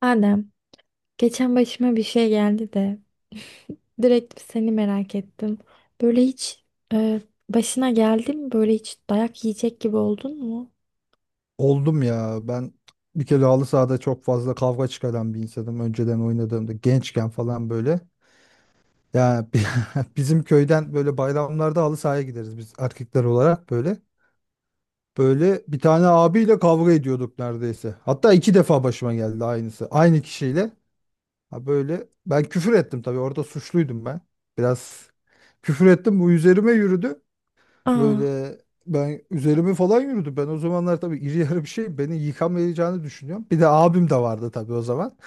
Adem, geçen başıma bir şey geldi de direkt seni merak ettim. Böyle hiç e, başına geldi mi? Böyle hiç dayak yiyecek gibi oldun mu? Oldum ya. Ben bir kere halı sahada çok fazla kavga çıkaran bir insanım. Önceden oynadığımda gençken falan böyle. Ya bizim köyden böyle bayramlarda halı sahaya gideriz biz erkekler olarak böyle. Böyle bir tane abiyle kavga ediyorduk neredeyse. Hatta iki defa başıma geldi aynısı. Aynı kişiyle. Ha, böyle ben küfür ettim, tabii orada suçluydum ben. Biraz küfür ettim, bu üzerime yürüdü. Aa, Böyle ben üzerime falan yürüdü. Ben o zamanlar tabii iri yarı bir şey, beni yıkamayacağını düşünüyorum. Bir de abim de vardı tabii o zaman.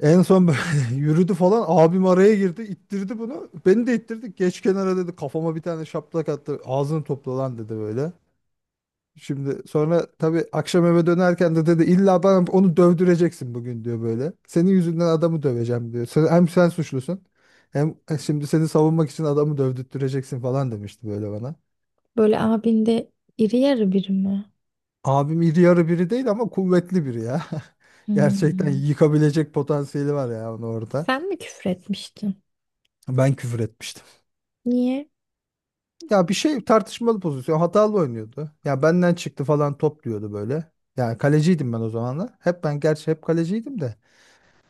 En son böyle yürüdü falan, abim araya girdi, ittirdi bunu. Beni de ittirdi. Geç kenara dedi, kafama bir tane şaplak attı. Ağzını topla lan dedi böyle. Şimdi sonra tabii akşam eve dönerken de dedi illa bana onu dövdüreceksin bugün diyor böyle. Senin yüzünden adamı döveceğim diyor. Sen, hem sen suçlusun, hem şimdi seni savunmak için adamı dövdürteceksin falan demişti böyle bana. böyle abinde iri yarı biri mi? Abim iri yarı biri değil ama kuvvetli biri ya. Gerçekten Hmm. yıkabilecek potansiyeli var ya onu orada. Sen mi küfür etmiştin? Ben küfür etmiştim. Niye? Ya bir şey, tartışmalı pozisyon. Hatalı oynuyordu. Ya benden çıktı falan top diyordu böyle. Yani kaleciydim ben o zamanlar. Hep ben, gerçi hep kaleciydim de.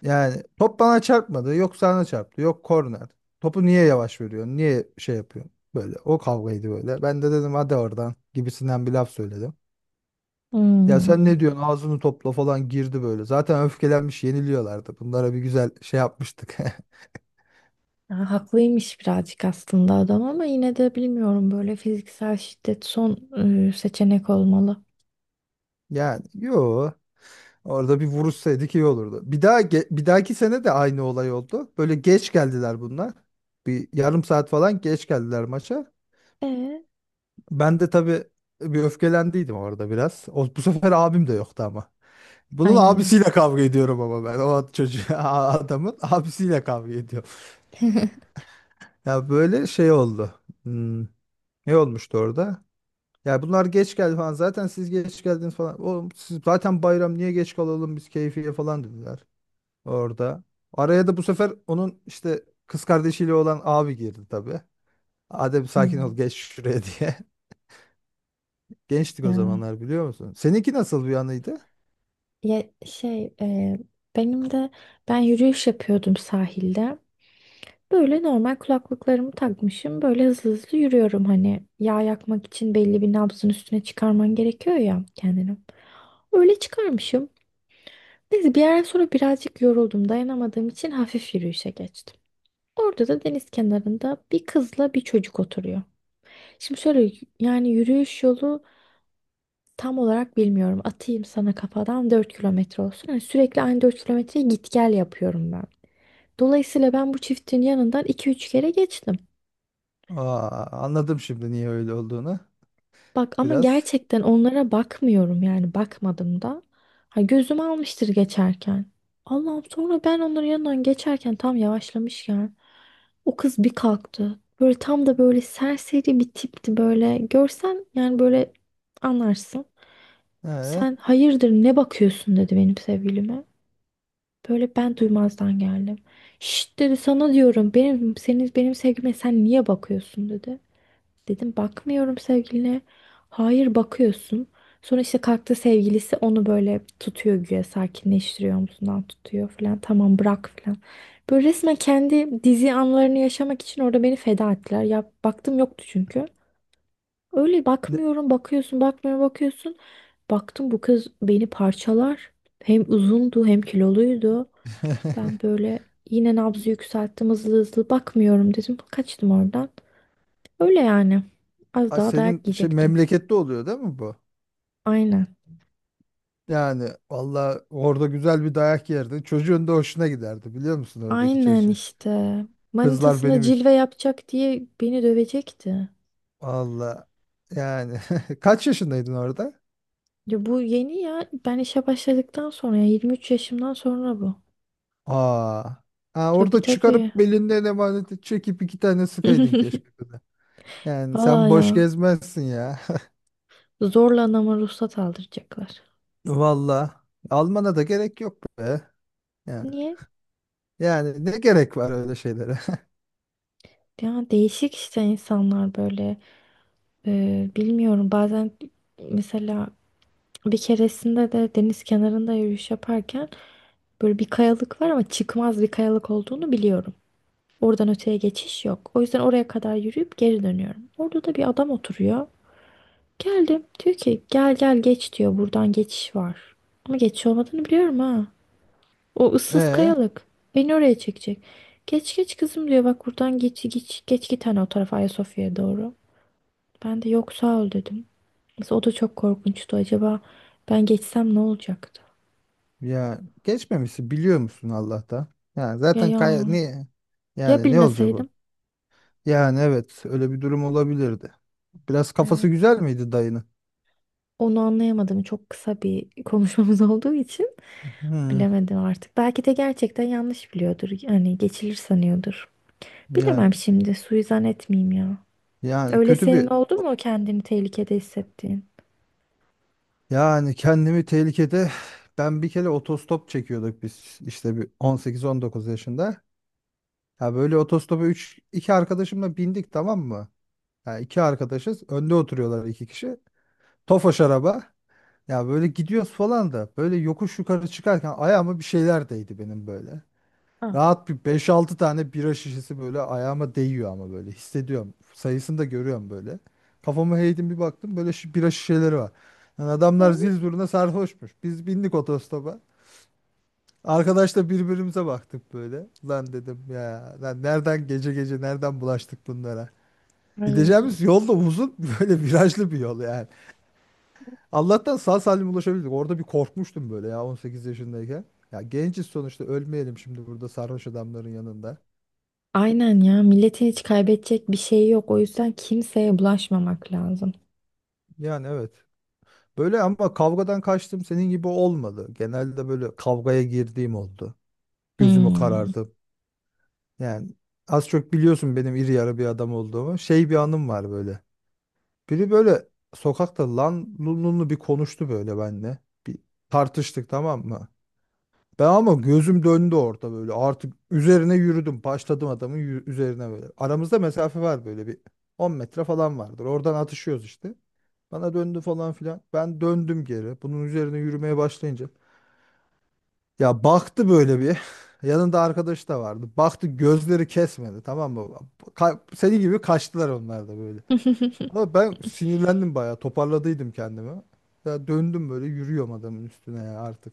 Yani top bana çarpmadı. Yok, sana çarptı. Yok, korner. Topu niye yavaş veriyorsun? Niye şey yapıyorsun? Böyle o kavgaydı böyle. Ben de dedim hadi oradan gibisinden bir laf söyledim. Ya sen Hmm. ne diyorsun, ağzını topla falan girdi böyle. Zaten öfkelenmiş, yeniliyorlardı. Bunlara bir güzel şey yapmıştık. Ya, haklıymış birazcık aslında adam ama yine de bilmiyorum böyle fiziksel şiddet son seçenek olmalı. Yani yo, orada bir vuruşsaydık iyi olurdu. Bir daha bir dahaki sene de aynı olay oldu. Böyle geç geldiler bunlar. Bir yarım saat falan geç geldiler maça. Ee? Ben de tabii bir öfkelendiydim orada biraz. O, bu sefer abim de yoktu ama. Bunun Ay. abisiyle kavga ediyorum ama ben. O çocuğu, adamın abisiyle kavga ediyorum. Ya böyle şey oldu. Hmm, ne olmuştu orada? Ya bunlar geç geldi falan. Zaten siz geç geldiniz falan. Oğlum siz zaten bayram niye geç kalalım biz keyfiye falan dediler orada. Araya da bu sefer onun işte kız kardeşiyle olan abi girdi tabii. Adem sakin ol, Hmm. geç şuraya diye. Gençtik o Ya. zamanlar, biliyor musun? Seninki nasıl bir anıydı? Ya benim de ben yürüyüş yapıyordum sahilde. Böyle normal kulaklıklarımı takmışım. Böyle hızlı hızlı yürüyorum, hani yağ yakmak için belli bir nabzın üstüne çıkarman gerekiyor ya kendini. Öyle çıkarmışım. Neyse bir yerden sonra birazcık yoruldum. Dayanamadığım için hafif yürüyüşe geçtim. Orada da deniz kenarında bir kızla bir çocuk oturuyor. Şimdi şöyle yani yürüyüş yolu. Tam olarak bilmiyorum. Atayım sana kafadan 4 kilometre olsun. Yani sürekli aynı 4 kilometreyi git gel yapıyorum ben. Dolayısıyla ben bu çiftin yanından iki üç kere geçtim. Aa, anladım şimdi niye öyle olduğunu Bak ama biraz. gerçekten onlara bakmıyorum yani, bakmadım da. Ha, gözüm almıştır geçerken. Allah'ım, sonra ben onların yanından geçerken tam yavaşlamışken o kız bir kalktı. Böyle tam da böyle serseri bir tipti böyle. Görsen yani, böyle anlarsın. Ee, Sen hayırdır, ne bakıyorsun dedi benim sevgilime. Böyle ben duymazdan geldim. Şşt dedi, sana diyorum, benim senin benim sevgilime sen niye bakıyorsun dedi. Dedim bakmıyorum sevgiline. Hayır bakıyorsun. Sonra işte kalktı sevgilisi, onu böyle tutuyor güya sakinleştiriyor, omzundan tutuyor falan. Tamam bırak falan. Böyle resmen kendi dizi anlarını yaşamak için orada beni feda ettiler. Ya baktım yoktu çünkü. Öyle ne- bakmıyorum, bakıyorsun, bakmıyorum, bakıyorsun. Baktım bu kız beni parçalar. Hem uzundu hem kiloluydu. Ben böyle yine nabzı yükselttim, hızlı hızlı bakmıyorum dedim. Kaçtım oradan. Öyle yani. Az Aa, daha dayak senin şey yiyecektim. memlekette oluyor değil mi bu? Aynen. Yani valla orada güzel bir dayak yerdi. Çocuğun da hoşuna giderdi, biliyor musun oradaki Aynen çocuğu? işte. Kızlar Manitasına benim için. cilve yapacak diye beni dövecekti. Valla yani kaç yaşındaydın orada? Ya bu yeni ya. Ben işe başladıktan sonra, ya 23 yaşımdan sonra bu. Aa. Ha, Tabii, orada tabii. çıkarıp belinden emaneti çekip iki tane sıkaydın keşke. Kıza. Yani sen Valla boş ya. gezmezsin ya. Zorla anama ruhsat aldıracaklar. Valla almana da gerek yok be. Yani, Niye? yani ne gerek var öyle şeylere? Ya değişik işte insanlar böyle. Bilmiyorum, bazen mesela bir keresinde de deniz kenarında yürüyüş yaparken böyle bir kayalık var ama çıkmaz bir kayalık olduğunu biliyorum. Oradan öteye geçiş yok. O yüzden oraya kadar yürüyüp geri dönüyorum. Orada da bir adam oturuyor. Geldim. Diyor ki gel gel geç diyor. Buradan geçiş var. Ama geçiş olmadığını biliyorum ha. O ıssız E kayalık. Beni oraya çekecek. Geç geç kızım diyor. Bak buradan geç geç geç git, hani o tarafa Ayasofya'ya doğru. Ben de yok sağ ol dedim. Mesela o da çok korkunçtu. Acaba ben geçsem ne olacaktı? ya geçmemişsin biliyor musun Allah'tan? Yani Ya zaten ya. Niye? Ya Yani ne olacak o? bilmeseydim. Yani evet, öyle bir durum olabilirdi. Biraz kafası Evet. güzel miydi dayının? Onu anlayamadım. Çok kısa bir konuşmamız olduğu için Hmm, bilemedim artık. Belki de gerçekten yanlış biliyordur. Yani geçilir sanıyordur. Bilemem yani şimdi. Suizan etmeyeyim ya. Öyle kötü senin bir, oldu mu kendini tehlikede hissettiğin? yani kendimi tehlikede, ben bir kere otostop çekiyorduk biz işte bir 18-19 yaşında. Ya böyle otostopa 3 iki arkadaşımla bindik, tamam mı? Ya iki arkadaşız. Önde oturuyorlar iki kişi. Tofaş araba. Ya böyle gidiyoruz falan da böyle yokuş yukarı çıkarken ayağıma bir şeyler değdi benim böyle. Ah. Rahat bir beş altı tane bira şişesi böyle ayağıma değiyor ama böyle hissediyorum. Sayısını da görüyorum böyle. Kafamı eğdim, bir baktım böyle bira şişeleri var. Yani adamlar zil zurna sarhoşmuş. Biz bindik otostopa. Arkadaşla birbirimize baktık böyle. Lan dedim ya lan nereden, gece gece nereden bulaştık bunlara. Gideceğimiz Ay. yol da uzun, böyle virajlı bir yol yani. Allah'tan sağ salim ulaşabildik. Orada bir korkmuştum böyle ya 18 yaşındayken. Ya genciz sonuçta, ölmeyelim şimdi burada sarhoş adamların yanında. Aynen ya, milletin hiç kaybedecek bir şeyi yok. O yüzden kimseye bulaşmamak lazım. Yani evet. Böyle ama kavgadan kaçtım senin gibi olmadı. Genelde böyle kavgaya girdiğim oldu. Gözümü Hmm. karartıp. Yani az çok biliyorsun benim iri yarı bir adam olduğumu. Şey bir anım var böyle. Biri böyle sokakta lan lunlu bir konuştu böyle benimle. Bir tartıştık, tamam mı? Ben ama gözüm döndü orada böyle. Artık üzerine yürüdüm. Başladım adamın üzerine böyle. Aramızda mesafe var böyle bir 10 metre falan vardır. Oradan atışıyoruz işte. Bana döndü falan filan. Ben döndüm geri. Bunun üzerine yürümeye başlayınca. Ya baktı böyle bir. Yanında arkadaş da vardı. Baktı, gözleri kesmedi, tamam mı? Seni gibi kaçtılar onlar da böyle. Ama ben sinirlendim bayağı. Toparladıydım kendimi. Ya döndüm böyle yürüyorum adamın üstüne ya artık.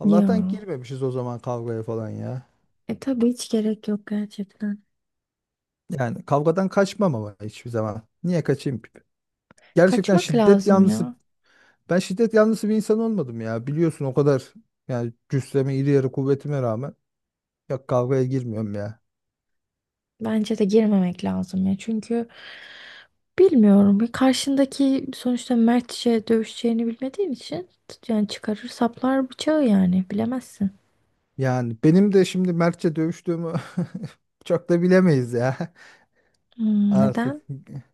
Allah'tan Ya. girmemişiz o zaman kavgaya falan ya. E tabii, hiç gerek yok gerçekten. Yani kavgadan kaçmam ama hiçbir zaman. Niye kaçayım ki? Gerçekten Kaçmak şiddet lazım yanlısı. ya. Ben şiddet yanlısı bir insan olmadım ya. Biliyorsun o kadar, yani cüsseme, iri yarı kuvvetime rağmen ya kavgaya girmiyorum ya. Bence de girmemek lazım ya. Çünkü bilmiyorum. Bir karşındaki sonuçta mertçe dövüşeceğini bilmediğin için, yani çıkarır saplar bıçağı, yani bilemezsin. Yani benim de şimdi mertçe dövüştüğümü çok da bilemeyiz ya Hmm, artık. neden?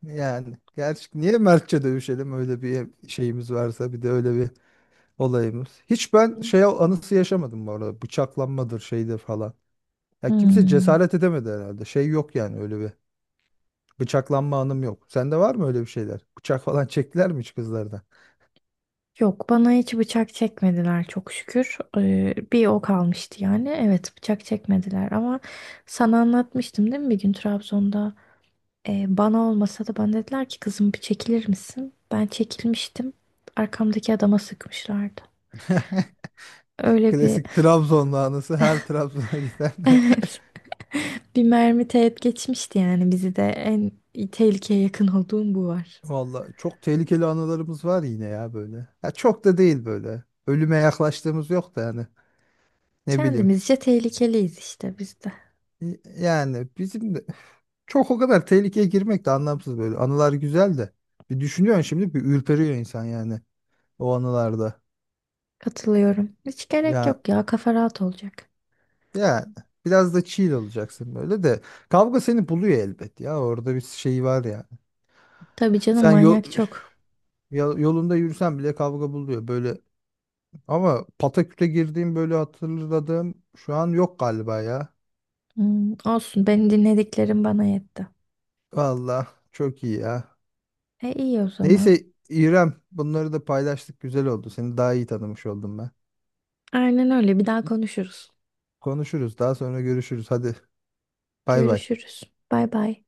Yani gerçi niye mertçe dövüşelim, öyle bir şeyimiz varsa, bir de öyle bir olayımız. Hiç ben şey anısı yaşamadım bu arada. Bıçaklanmadır şeyde falan. Ya kimse Hmm. cesaret edemedi herhalde. Şey yok yani öyle bir. Bıçaklanma anım yok. Sende var mı öyle bir şeyler? Bıçak falan çektiler mi hiç kızlardan? Yok, bana hiç bıçak çekmediler çok şükür. Bir o kalmıştı yani. Evet, bıçak çekmediler ama sana anlatmıştım değil mi bir gün Trabzon'da. Bana olmasa da bana dediler ki kızım bir çekilir misin? Ben çekilmiştim. Arkamdaki adama sıkmışlardı. Öyle bir Klasik Trabzonlu anısı her Trabzon'a giden. evet, bir mermi teğet geçmişti yani, bizi de en tehlikeye yakın olduğum bu var. Vallahi çok tehlikeli anılarımız var yine ya böyle. Ya çok da değil böyle. Ölüme yaklaştığımız yok da yani. Ne bileyim. Kendimizce tehlikeliyiz işte biz de. Yani bizim de çok o kadar tehlikeye girmek de anlamsız böyle. Anılar güzel de. Bir düşünüyorsun şimdi bir ürperiyor insan yani o anılarda. Katılıyorum. Hiç gerek Ya, yok ya, kafa rahat olacak. yani biraz da chill olacaksın böyle de. Kavga seni buluyor elbet ya. Orada bir şey var yani. Tabii canım, Sen yol, manyak çok. Yolunda yürüsen bile kavga buluyor böyle. Ama Pataküt'e girdiğim böyle hatırladığım şu an yok galiba ya. Hmm, olsun, benim dinlediklerim bana yetti. Valla çok iyi ya. E iyi o zaman. Neyse İrem, bunları da paylaştık, güzel oldu. Seni daha iyi tanımış oldum ben. Aynen, öyle bir daha konuşuruz. Konuşuruz, daha sonra görüşürüz. Hadi bay bay. Görüşürüz. Bay bay.